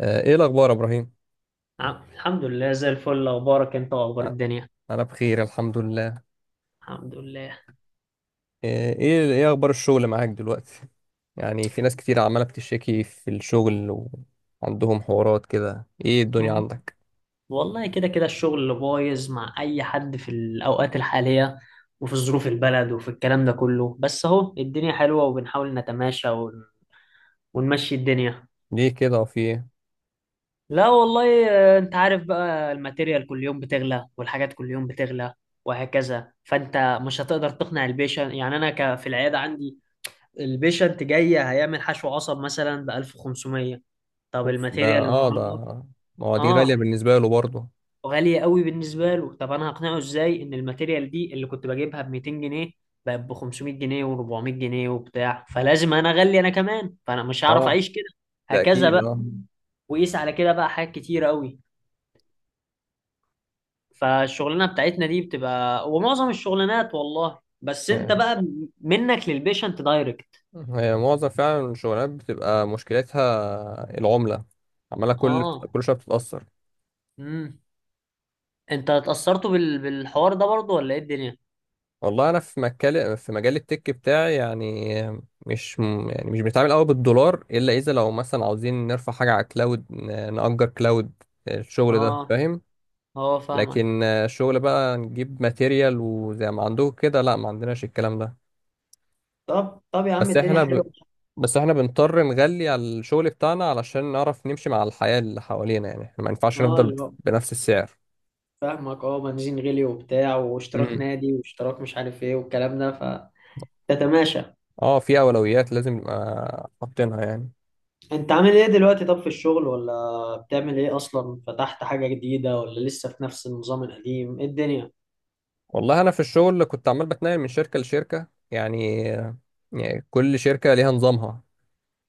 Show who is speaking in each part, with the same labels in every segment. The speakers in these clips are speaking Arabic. Speaker 1: ايه الاخبار يا ابراهيم؟
Speaker 2: الحمد لله زي الفل، اخبارك انت واخبار
Speaker 1: آه،
Speaker 2: الدنيا؟
Speaker 1: انا بخير، الحمد لله.
Speaker 2: الحمد لله.
Speaker 1: ايه اخبار الشغل معاك دلوقتي؟ يعني في ناس كتير عماله بتشتكي في الشغل وعندهم حوارات كده، ايه الدنيا
Speaker 2: مم.
Speaker 1: عندك؟
Speaker 2: والله كده كده الشغل اللي بايظ مع اي حد في الاوقات الحاليه، وفي ظروف البلد وفي الكلام ده كله، بس اهو الدنيا حلوه وبنحاول نتماشى ونمشي الدنيا.
Speaker 1: ليه كده؟ وفي ايه؟
Speaker 2: لا والله، انت عارف بقى، الماتيريال كل يوم بتغلى والحاجات كل يوم بتغلى وهكذا، فانت مش هتقدر تقنع البيشنت. يعني انا في العياده عندي البيشنت جاي هيعمل حشو عصب مثلا ب 1500، طب
Speaker 1: اوف، ده
Speaker 2: الماتيريال
Speaker 1: اه ده
Speaker 2: النهارده.
Speaker 1: ما هو دي غاليه
Speaker 2: اه،
Speaker 1: بالنسبه له برضه.
Speaker 2: وغالية قوي بالنسبة له. طب انا هقنعه ازاي ان الماتيريال دي اللي كنت بجيبها ب 200 جنيه بقت ب 500 جنيه و400 جنيه وبتاع، فلازم انا اغلي انا كمان، فانا مش هعرف
Speaker 1: اه،
Speaker 2: اعيش كده
Speaker 1: ده
Speaker 2: هكذا
Speaker 1: اكيد،
Speaker 2: بقى.
Speaker 1: اه.
Speaker 2: وقيس على كده بقى حاجات كتيرة قوي. فالشغلانة بتاعتنا دي بتبقى ومعظم الشغلانات، والله، بس انت
Speaker 1: يعني
Speaker 2: بقى منك للبيشنت دايركت.
Speaker 1: هي معظم فعلا الشغلات بتبقى مشكلتها العمله، عماله كل
Speaker 2: اه.
Speaker 1: كل شويه بتتاثر.
Speaker 2: امم، انت اتأثرتوا بالحوار ده برضو ولا ايه الدنيا؟
Speaker 1: والله انا في مجال التك بتاعي يعني. مش م- يعني مش بنتعامل قوي بالدولار، الا اذا لو مثلا عاوزين نرفع حاجه على كلاود، نأجر كلاود. الشغل ده،
Speaker 2: اه.
Speaker 1: فاهم؟
Speaker 2: اه، فاهمك.
Speaker 1: لكن شغل بقى نجيب ماتيريال وزي ما عندكم كده، لا ما عندناش الكلام ده.
Speaker 2: طب طب يا عم
Speaker 1: بس
Speaker 2: الدنيا
Speaker 1: احنا
Speaker 2: حلوة.
Speaker 1: ب... بس احنا بنضطر نغلي على الشغل بتاعنا علشان نعرف نمشي مع الحياه اللي حوالينا، يعني احنا ما ينفعش
Speaker 2: اه،
Speaker 1: نفضل
Speaker 2: اللي هو
Speaker 1: بنفس السعر.
Speaker 2: فاهمك. اه، بنزين غلي وبتاع، واشتراك
Speaker 1: امم.
Speaker 2: نادي، واشتراك مش عارف ايه، والكلام ده، فتتماشى.
Speaker 1: اه، في اولويات لازم نبقى حاطينها يعني.
Speaker 2: انت عامل ايه دلوقتي طب في الشغل، ولا بتعمل ايه اصلا، فتحت حاجة جديدة ولا لسه في نفس النظام القديم، ايه الدنيا؟
Speaker 1: والله انا في الشغل كنت عمال بتنقل من شركه لشركه يعني. كل شركه ليها نظامها.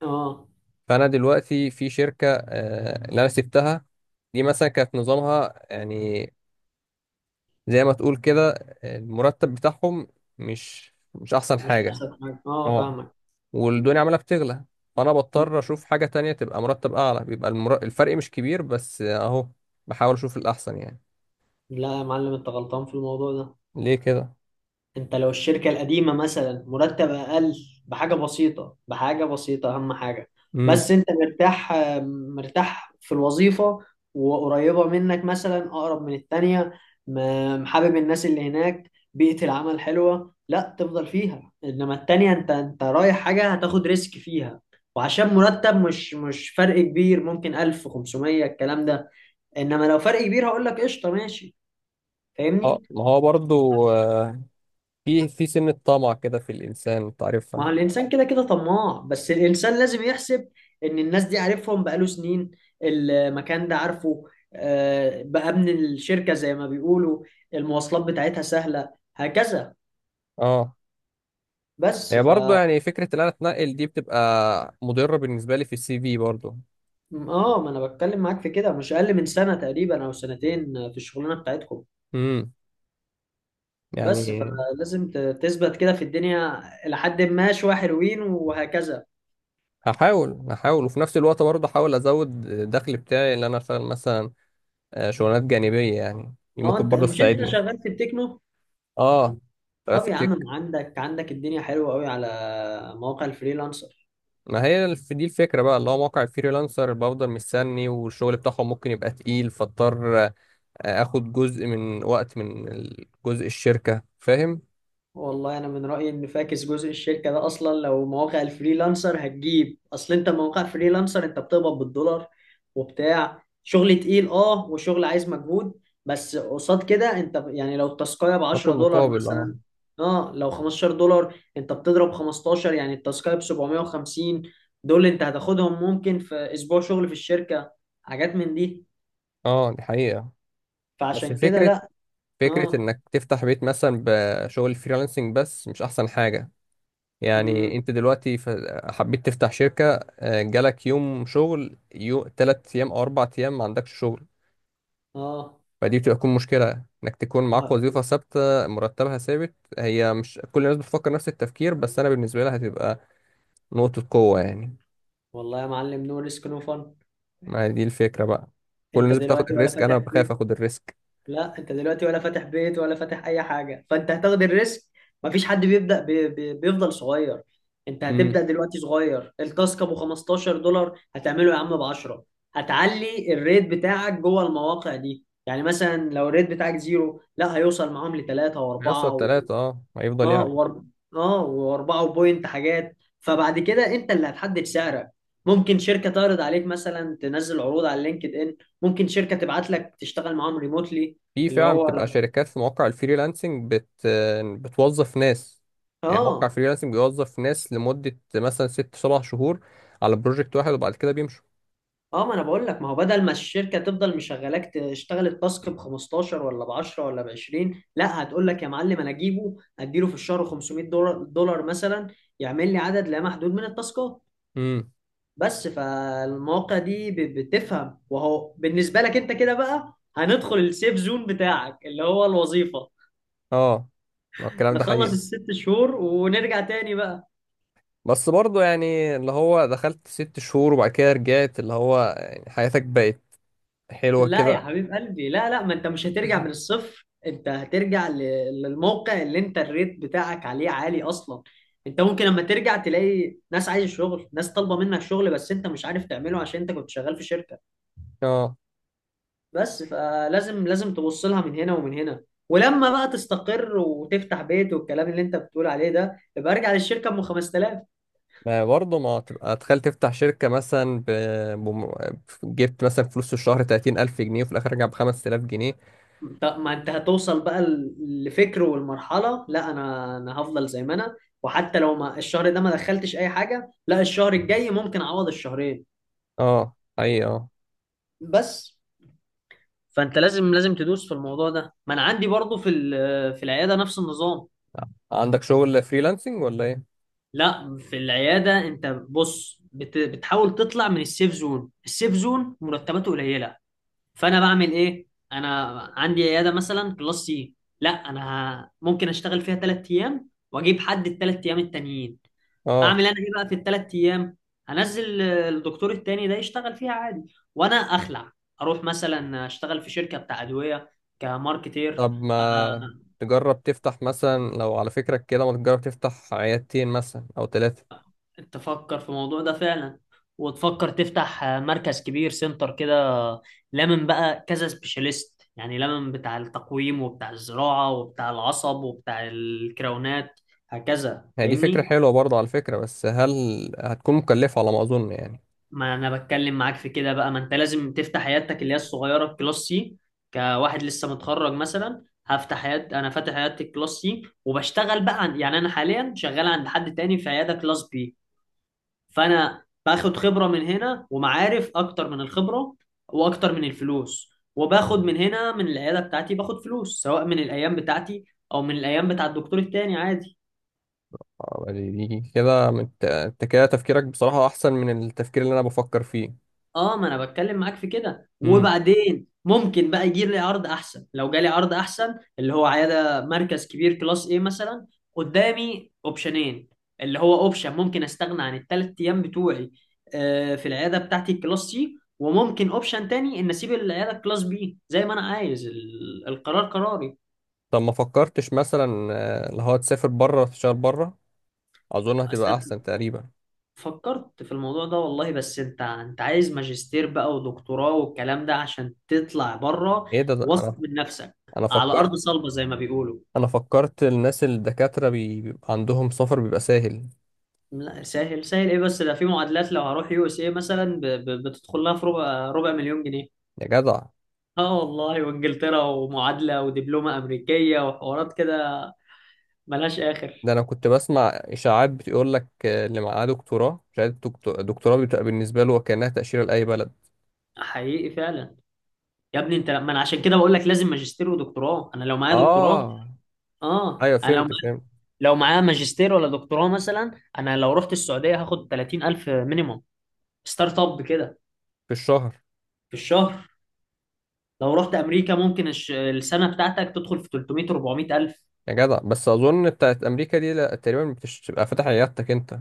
Speaker 2: اه،
Speaker 1: فانا دلوقتي في شركه، اللي انا سبتها دي، مثلا كانت نظامها يعني زي ما تقول كده، المرتب بتاعهم مش احسن
Speaker 2: مش
Speaker 1: حاجه.
Speaker 2: احسن حاجة. اه،
Speaker 1: اه،
Speaker 2: فاهمك.
Speaker 1: والدنيا عماله بتغلى، فانا بضطر
Speaker 2: مم.
Speaker 1: اشوف حاجه تانية تبقى مرتب اعلى، بيبقى الفرق مش كبير بس اهو، بحاول اشوف الاحسن يعني.
Speaker 2: لا يا معلم، انت غلطان في الموضوع ده.
Speaker 1: ليه كده؟
Speaker 2: انت لو الشركة القديمة مثلا مرتب اقل بحاجة بسيطة، بحاجة بسيطة، اهم حاجة
Speaker 1: امم.
Speaker 2: بس انت مرتاح، مرتاح في الوظيفة، وقريبة منك مثلا اقرب من التانية، حابب الناس اللي هناك، بيئة العمل حلوة، لا تفضل فيها. انما التانية انت رايح حاجة هتاخد ريسك فيها، وعشان مرتب مش فرق كبير، ممكن 1500 الكلام ده. انما لو فرق كبير هقول لك قشطة ماشي،
Speaker 1: اه،
Speaker 2: فاهمني.
Speaker 1: ما هو برضو في سنة طمع كده في الإنسان، أنت
Speaker 2: ما
Speaker 1: عارفها.
Speaker 2: هو الإنسان كده كده طماع، بس الإنسان لازم يحسب إن الناس دي عارفهم بقاله سنين، المكان ده عارفه، بقى من الشركة زي ما بيقولوا، المواصلات بتاعتها سهلة هكذا.
Speaker 1: اه،
Speaker 2: بس
Speaker 1: هي
Speaker 2: ف
Speaker 1: برضه يعني فكرة إن أنا أتنقل دي بتبقى مضرة بالنسبة لي في السي في برضه.
Speaker 2: ما أنا بتكلم معاك في كده مش أقل من سنة تقريبا أو سنتين في الشغلانة بتاعتكم.
Speaker 1: امم،
Speaker 2: بس
Speaker 1: يعني
Speaker 2: فلازم تثبت كده في الدنيا إلى حد ما، شوية حلوين وهكذا.
Speaker 1: هحاول وفي نفس الوقت برضه أحاول أزود الدخل بتاعي، اللي أنا أشتغل مثلا شغلانات جانبية، يعني دي
Speaker 2: أه،
Speaker 1: ممكن
Speaker 2: أنت
Speaker 1: برضه
Speaker 2: مش أنت
Speaker 1: تساعدني.
Speaker 2: شغال في التكنو.
Speaker 1: اه، شغال
Speaker 2: طب
Speaker 1: في
Speaker 2: يا عم
Speaker 1: التك.
Speaker 2: ما عندك عندك الدنيا حلوة قوي على مواقع الفريلانسر.
Speaker 1: ما هي الف- دي الفكرة بقى، اللي هو موقع الفريلانسر بفضل مستني والشغل بتاعهم ممكن يبقى تقيل، فاضطر آخد جزء من وقت، جزء الشركة، فاهم؟
Speaker 2: والله انا من رايي ان فاكس جزء الشركه ده اصلا، لو مواقع الفريلانسر هتجيب، اصل انت مواقع فريلانسر انت بتقبض بالدولار وبتاع، شغل تقيل اه، وشغل عايز مجهود. بس قصاد كده انت يعني لو التاسكايه ب
Speaker 1: باخد
Speaker 2: 10 دولار
Speaker 1: مقابل، اه.
Speaker 2: مثلا، اه، لو 15 دولار انت بتضرب 15، يعني التاسكايه ب 750. دول انت هتاخدهم ممكن في اسبوع شغل في الشركه، حاجات من دي.
Speaker 1: اه، دي حقيقة. بس
Speaker 2: فعشان كده
Speaker 1: فكرة
Speaker 2: لا.
Speaker 1: فكرة
Speaker 2: اه.
Speaker 1: انك تفتح بيت مثلا بشغل فريلانسنج، بس مش احسن حاجة. يعني
Speaker 2: امم.
Speaker 1: انت دلوقتي حبيت تفتح شركة، جالك يوم شغل، تلات ايام او اربع ايام ما عندكش شغل.
Speaker 2: اه.
Speaker 1: فدي بتبقى تكون مشكلة، انك تكون معاك وظيفة ثابتة مرتبها ثابت. هي مش كل الناس بتفكر نفس التفكير، بس انا بالنسبة لها هتبقى نقطة قوة يعني.
Speaker 2: والله يا معلم، نو ريسك نو فن.
Speaker 1: ما دي الفكرة بقى، كل
Speaker 2: انت
Speaker 1: الناس بتاخد
Speaker 2: دلوقتي ولا
Speaker 1: الريسك، انا
Speaker 2: فاتح
Speaker 1: بخاف
Speaker 2: بيت.
Speaker 1: اخد الريسك.
Speaker 2: لا، انت دلوقتي ولا فاتح بيت ولا فاتح اي حاجه، فانت هتاخد الريسك. مفيش حد بيبدا بي بي بيفضل صغير. انت
Speaker 1: امم.
Speaker 2: هتبدا دلوقتي صغير، التاسك ابو 15 دولار هتعمله يا عم ب 10. هتعلي الريت بتاعك جوه المواقع دي. يعني مثلا لو الريت بتاعك زيرو، لا هيوصل معاهم لثلاثة
Speaker 1: يوصل
Speaker 2: واربعة.
Speaker 1: تلاتة، اه، هيفضل
Speaker 2: اه
Speaker 1: يعلى.
Speaker 2: اه، واربعه بوينت حاجات، فبعد كده انت اللي هتحدد سعرك. ممكن شركه تعرض عليك، مثلا تنزل عروض على لينكد ان. ممكن شركه تبعت لك تشتغل معاهم ريموتلي،
Speaker 1: في
Speaker 2: اللي
Speaker 1: فعلا
Speaker 2: هو لو.
Speaker 1: بتبقى شركات في مواقع الفريلانسنج بتوظف ناس. يعني موقع
Speaker 2: اه.
Speaker 1: فريلانسنج بيوظف ناس لمدة مثلا ست سبع شهور على بروجكت واحد، وبعد كده بيمشوا.
Speaker 2: اه، ما انا بقول لك، ما هو بدل ما الشركه تفضل مشغلاك تشتغل التاسك ب 15 ولا ب 10 ولا ب 20، لا، هتقول لك يا معلم انا اجيبه اديله في الشهر 500 دولار دولار مثلا، يعمل لي عدد لا محدود من التاسكات
Speaker 1: امم.
Speaker 2: بس. فالمواقع دي بتفهم، وهو بالنسبة لك انت كده بقى هندخل السيف زون بتاعك اللي هو الوظيفة،
Speaker 1: اه، ما الكلام ده
Speaker 2: نخلص
Speaker 1: حقيقي،
Speaker 2: الست شهور ونرجع تاني بقى.
Speaker 1: بس برضه يعني اللي هو دخلت ست شهور وبعد كده رجعت، اللي هو يعني حياتك بقت حلوة
Speaker 2: لا يا
Speaker 1: كده.
Speaker 2: حبيب قلبي، لا لا، ما انت مش هترجع من الصفر، انت هترجع للموقع اللي انت الريت بتاعك عليه عالي اصلا. انت ممكن لما ترجع تلاقي ناس عايز شغل، ناس طالبة منك شغل، بس انت مش عارف تعمله عشان انت كنت شغال في شركة.
Speaker 1: اه،
Speaker 2: بس فلازم، لازم تبص لها من هنا ومن هنا، ولما بقى تستقر وتفتح بيت والكلام اللي انت بتقول عليه ده، يبقى ارجع للشركه ب 5000.
Speaker 1: ما برضه ما تبقى تخيل تفتح شركة مثلا بم... جبت مثلا فلوس في الشهر 30000 جنيه، وفي الآخر رجع ب 5000 جنيه.
Speaker 2: ما انت هتوصل بقى لفكر والمرحله، لا، انا هفضل زي ما انا، وحتى لو ما الشهر ده ما دخلتش اي حاجه، لا، الشهر الجاي ممكن اعوض الشهرين
Speaker 1: اه، أي اه.
Speaker 2: بس. فانت لازم، لازم تدوس في الموضوع ده. ما انا عندي برضو في في العياده نفس النظام.
Speaker 1: عندك شغل فريلانسنج ولا ايه؟
Speaker 2: لا، في العيادة انت بص بتحاول تطلع من السيف زون، السيف زون مرتباته قليلة. فانا بعمل ايه انا؟ عندي عيادة مثلا كلاس سي. لا انا، ممكن اشتغل فيها ثلاث ايام واجيب حد الثلاث ايام التانيين.
Speaker 1: اه،
Speaker 2: اعمل انا ايه بقى في الثلاث ايام؟ هنزل الدكتور التاني ده يشتغل فيها عادي، وانا اخلع اروح مثلا اشتغل في شركة بتاع ادوية كماركتير.
Speaker 1: طب ما
Speaker 2: آه،
Speaker 1: تجرب تفتح مثلا، لو على فكرك كده، ما تجرب تفتح عيادتين مثلا او ثلاثة؟
Speaker 2: تفكر في الموضوع ده فعلا، وتفكر تفتح مركز كبير، سنتر كده، لمن بقى كذا سبيشاليست، يعني لمن بتاع التقويم، وبتاع الزراعة، وبتاع العصب، وبتاع الكراونات هكذا،
Speaker 1: هي دي فكرة
Speaker 2: فاهمني.
Speaker 1: حلوة برضه، على فكرة، بس هل هتكون مكلفة، على ما اظن يعني؟
Speaker 2: ما انا بتكلم معاك في كده بقى، ما انت لازم تفتح عيادتك اللي هي الصغيرة الكلاس سي كواحد لسه متخرج مثلا، هفتح عيادة، انا فاتح عيادة الكلاس سي وبشتغل بقى يعني انا حاليا شغال عند حد تاني في عيادة كلاس بي. فانا باخد خبره من هنا ومعارف اكتر من الخبره واكتر من الفلوس، وباخد من هنا من العياده بتاعتي، باخد فلوس سواء من الايام بتاعتي او من الايام بتاع الدكتور التاني عادي.
Speaker 1: دي كده، انت كده تفكيرك بصراحة احسن من التفكير اللي انا بفكر فيه.
Speaker 2: اه، ما انا بتكلم معاك في كده،
Speaker 1: امم.
Speaker 2: وبعدين ممكن بقى يجي لي عرض احسن. لو جالي عرض احسن اللي هو عياده مركز كبير كلاس ايه مثلا، قدامي اوبشنين، اللي هو اوبشن ممكن استغنى عن الثلاث ايام بتوعي في العياده بتاعتي الكلاس سي، وممكن اوبشن تاني ان اسيب العياده الكلاس بي زي ما انا عايز، القرار قراري.
Speaker 1: طب ما فكرتش مثلا اللي هو تسافر بره تشتغل بره؟ اظن هتبقى احسن تقريبا.
Speaker 2: فكرت في الموضوع ده والله، بس انت عايز ماجستير بقى ودكتوراه والكلام ده عشان تطلع بره،
Speaker 1: ايه ده؟ ده
Speaker 2: واثق من نفسك
Speaker 1: انا
Speaker 2: على ارض
Speaker 1: فكرت
Speaker 2: صلبه زي ما بيقولوا.
Speaker 1: انا فكرت الناس الدكاترة بيبقى عندهم سفر، بيبقى سهل.
Speaker 2: لا سهل سهل ايه، بس ده في معادلات. لو هروح يو اس اي مثلا بتدخل لها في ربع ربع مليون جنيه.
Speaker 1: يا جدع،
Speaker 2: اه والله، وانجلترا ومعادله ودبلومه امريكيه وحوارات كده ملهاش
Speaker 1: ده
Speaker 2: اخر.
Speaker 1: انا كنت بسمع اشاعات بتقول لك اللي معاه دكتوراه، شهاده دكتوراه بتبقى بالنسبه له وكانها تاشيره لاي بلد.
Speaker 2: حقيقي فعلا. يا ابني انت، ما انا عشان كده بقول لك لازم ماجستير ودكتوراه، انا لو معايا دكتوراه.
Speaker 1: اه،
Speaker 2: اه،
Speaker 1: ايوه
Speaker 2: انا لو
Speaker 1: فهمت فهمت.
Speaker 2: معاه ماجستير ولا دكتوراه مثلا، انا لو رحت السعوديه هاخد 30000 مينيموم، ستارت اب كده،
Speaker 1: في الشهر.
Speaker 2: في الشهر. لو رحت امريكا ممكن السنه بتاعتك تدخل في 300 400000.
Speaker 1: يا جدع، بس اظن بتاعت امريكا دي لا تقريبا، بتبقى فاتح عيادتك انت.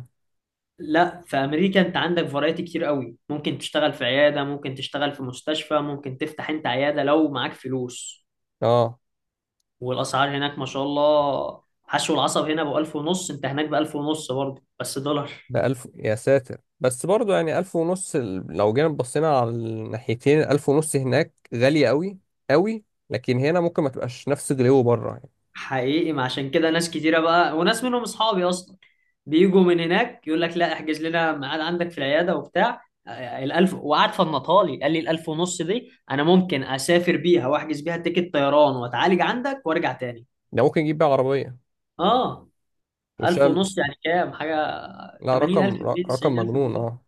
Speaker 2: لا، في امريكا انت عندك فرايتي كتير قوي، ممكن تشتغل في عياده، ممكن تشتغل في مستشفى، ممكن تفتح انت عياده لو معاك فلوس.
Speaker 1: اه،
Speaker 2: والاسعار هناك ما شاء الله، حشو العصب هنا ب 1000 ونص، انت هناك ب 1000 ونص برضه بس دولار.
Speaker 1: ده الف يا ساتر، بس برضو يعني الف ونص. لو جينا بصينا على الناحيتين، الف ونص هناك غالية قوي قوي، لكن هنا ممكن ما تبقاش نفس غلو بره يعني.
Speaker 2: حقيقي، ما عشان كده ناس كتيرة بقى، وناس منهم اصحابي اصلا بيجوا من هناك، يقول لك لا احجز لنا ميعاد عندك في العيادة وبتاع. الالف، وقعد فنطالي قال لي الالف ونص دي انا ممكن اسافر بيها واحجز بيها تيكت طيران واتعالج عندك وارجع تاني.
Speaker 1: ده ممكن يجيب بقى عربية
Speaker 2: اه، الف
Speaker 1: وشال.
Speaker 2: ونص يعني كام حاجة؟
Speaker 1: لا،
Speaker 2: 80000
Speaker 1: رقم ر-
Speaker 2: جنيه
Speaker 1: رقم
Speaker 2: 90000
Speaker 1: مجنون،
Speaker 2: جنيه
Speaker 1: اه.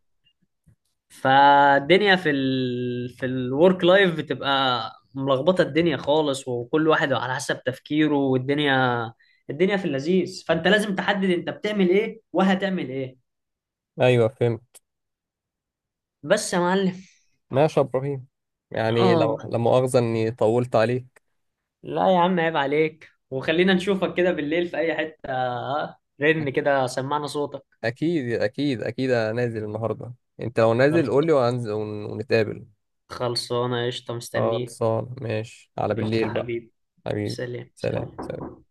Speaker 2: فالدنيا في في الورك لايف بتبقى ملخبطه، الدنيا خالص، وكل واحد على حسب تفكيره، والدنيا، الدنيا في اللذيذ، فانت لازم تحدد انت بتعمل ايه وهتعمل ايه.
Speaker 1: ايوه، فهمت.
Speaker 2: بس يا معلم.
Speaker 1: ماشي يا ابراهيم، يعني
Speaker 2: اه.
Speaker 1: لو لا مؤاخذه اني طولت عليك.
Speaker 2: لا يا عم، عيب عليك، وخلينا نشوفك كده بالليل في اي حته، رن كده سمعنا صوتك.
Speaker 1: اكيد اكيد اكيد، انا نازل النهارده. انت لو نازل
Speaker 2: خلص.
Speaker 1: قول لي، وهنزل ونتقابل.
Speaker 2: خلصانه قشطه، مستنيك.
Speaker 1: خلصان، ماشي، على
Speaker 2: قشطه
Speaker 1: بالليل بقى.
Speaker 2: حبيبي.
Speaker 1: حبيبي.
Speaker 2: سلام
Speaker 1: سلام
Speaker 2: سلام.
Speaker 1: سلام.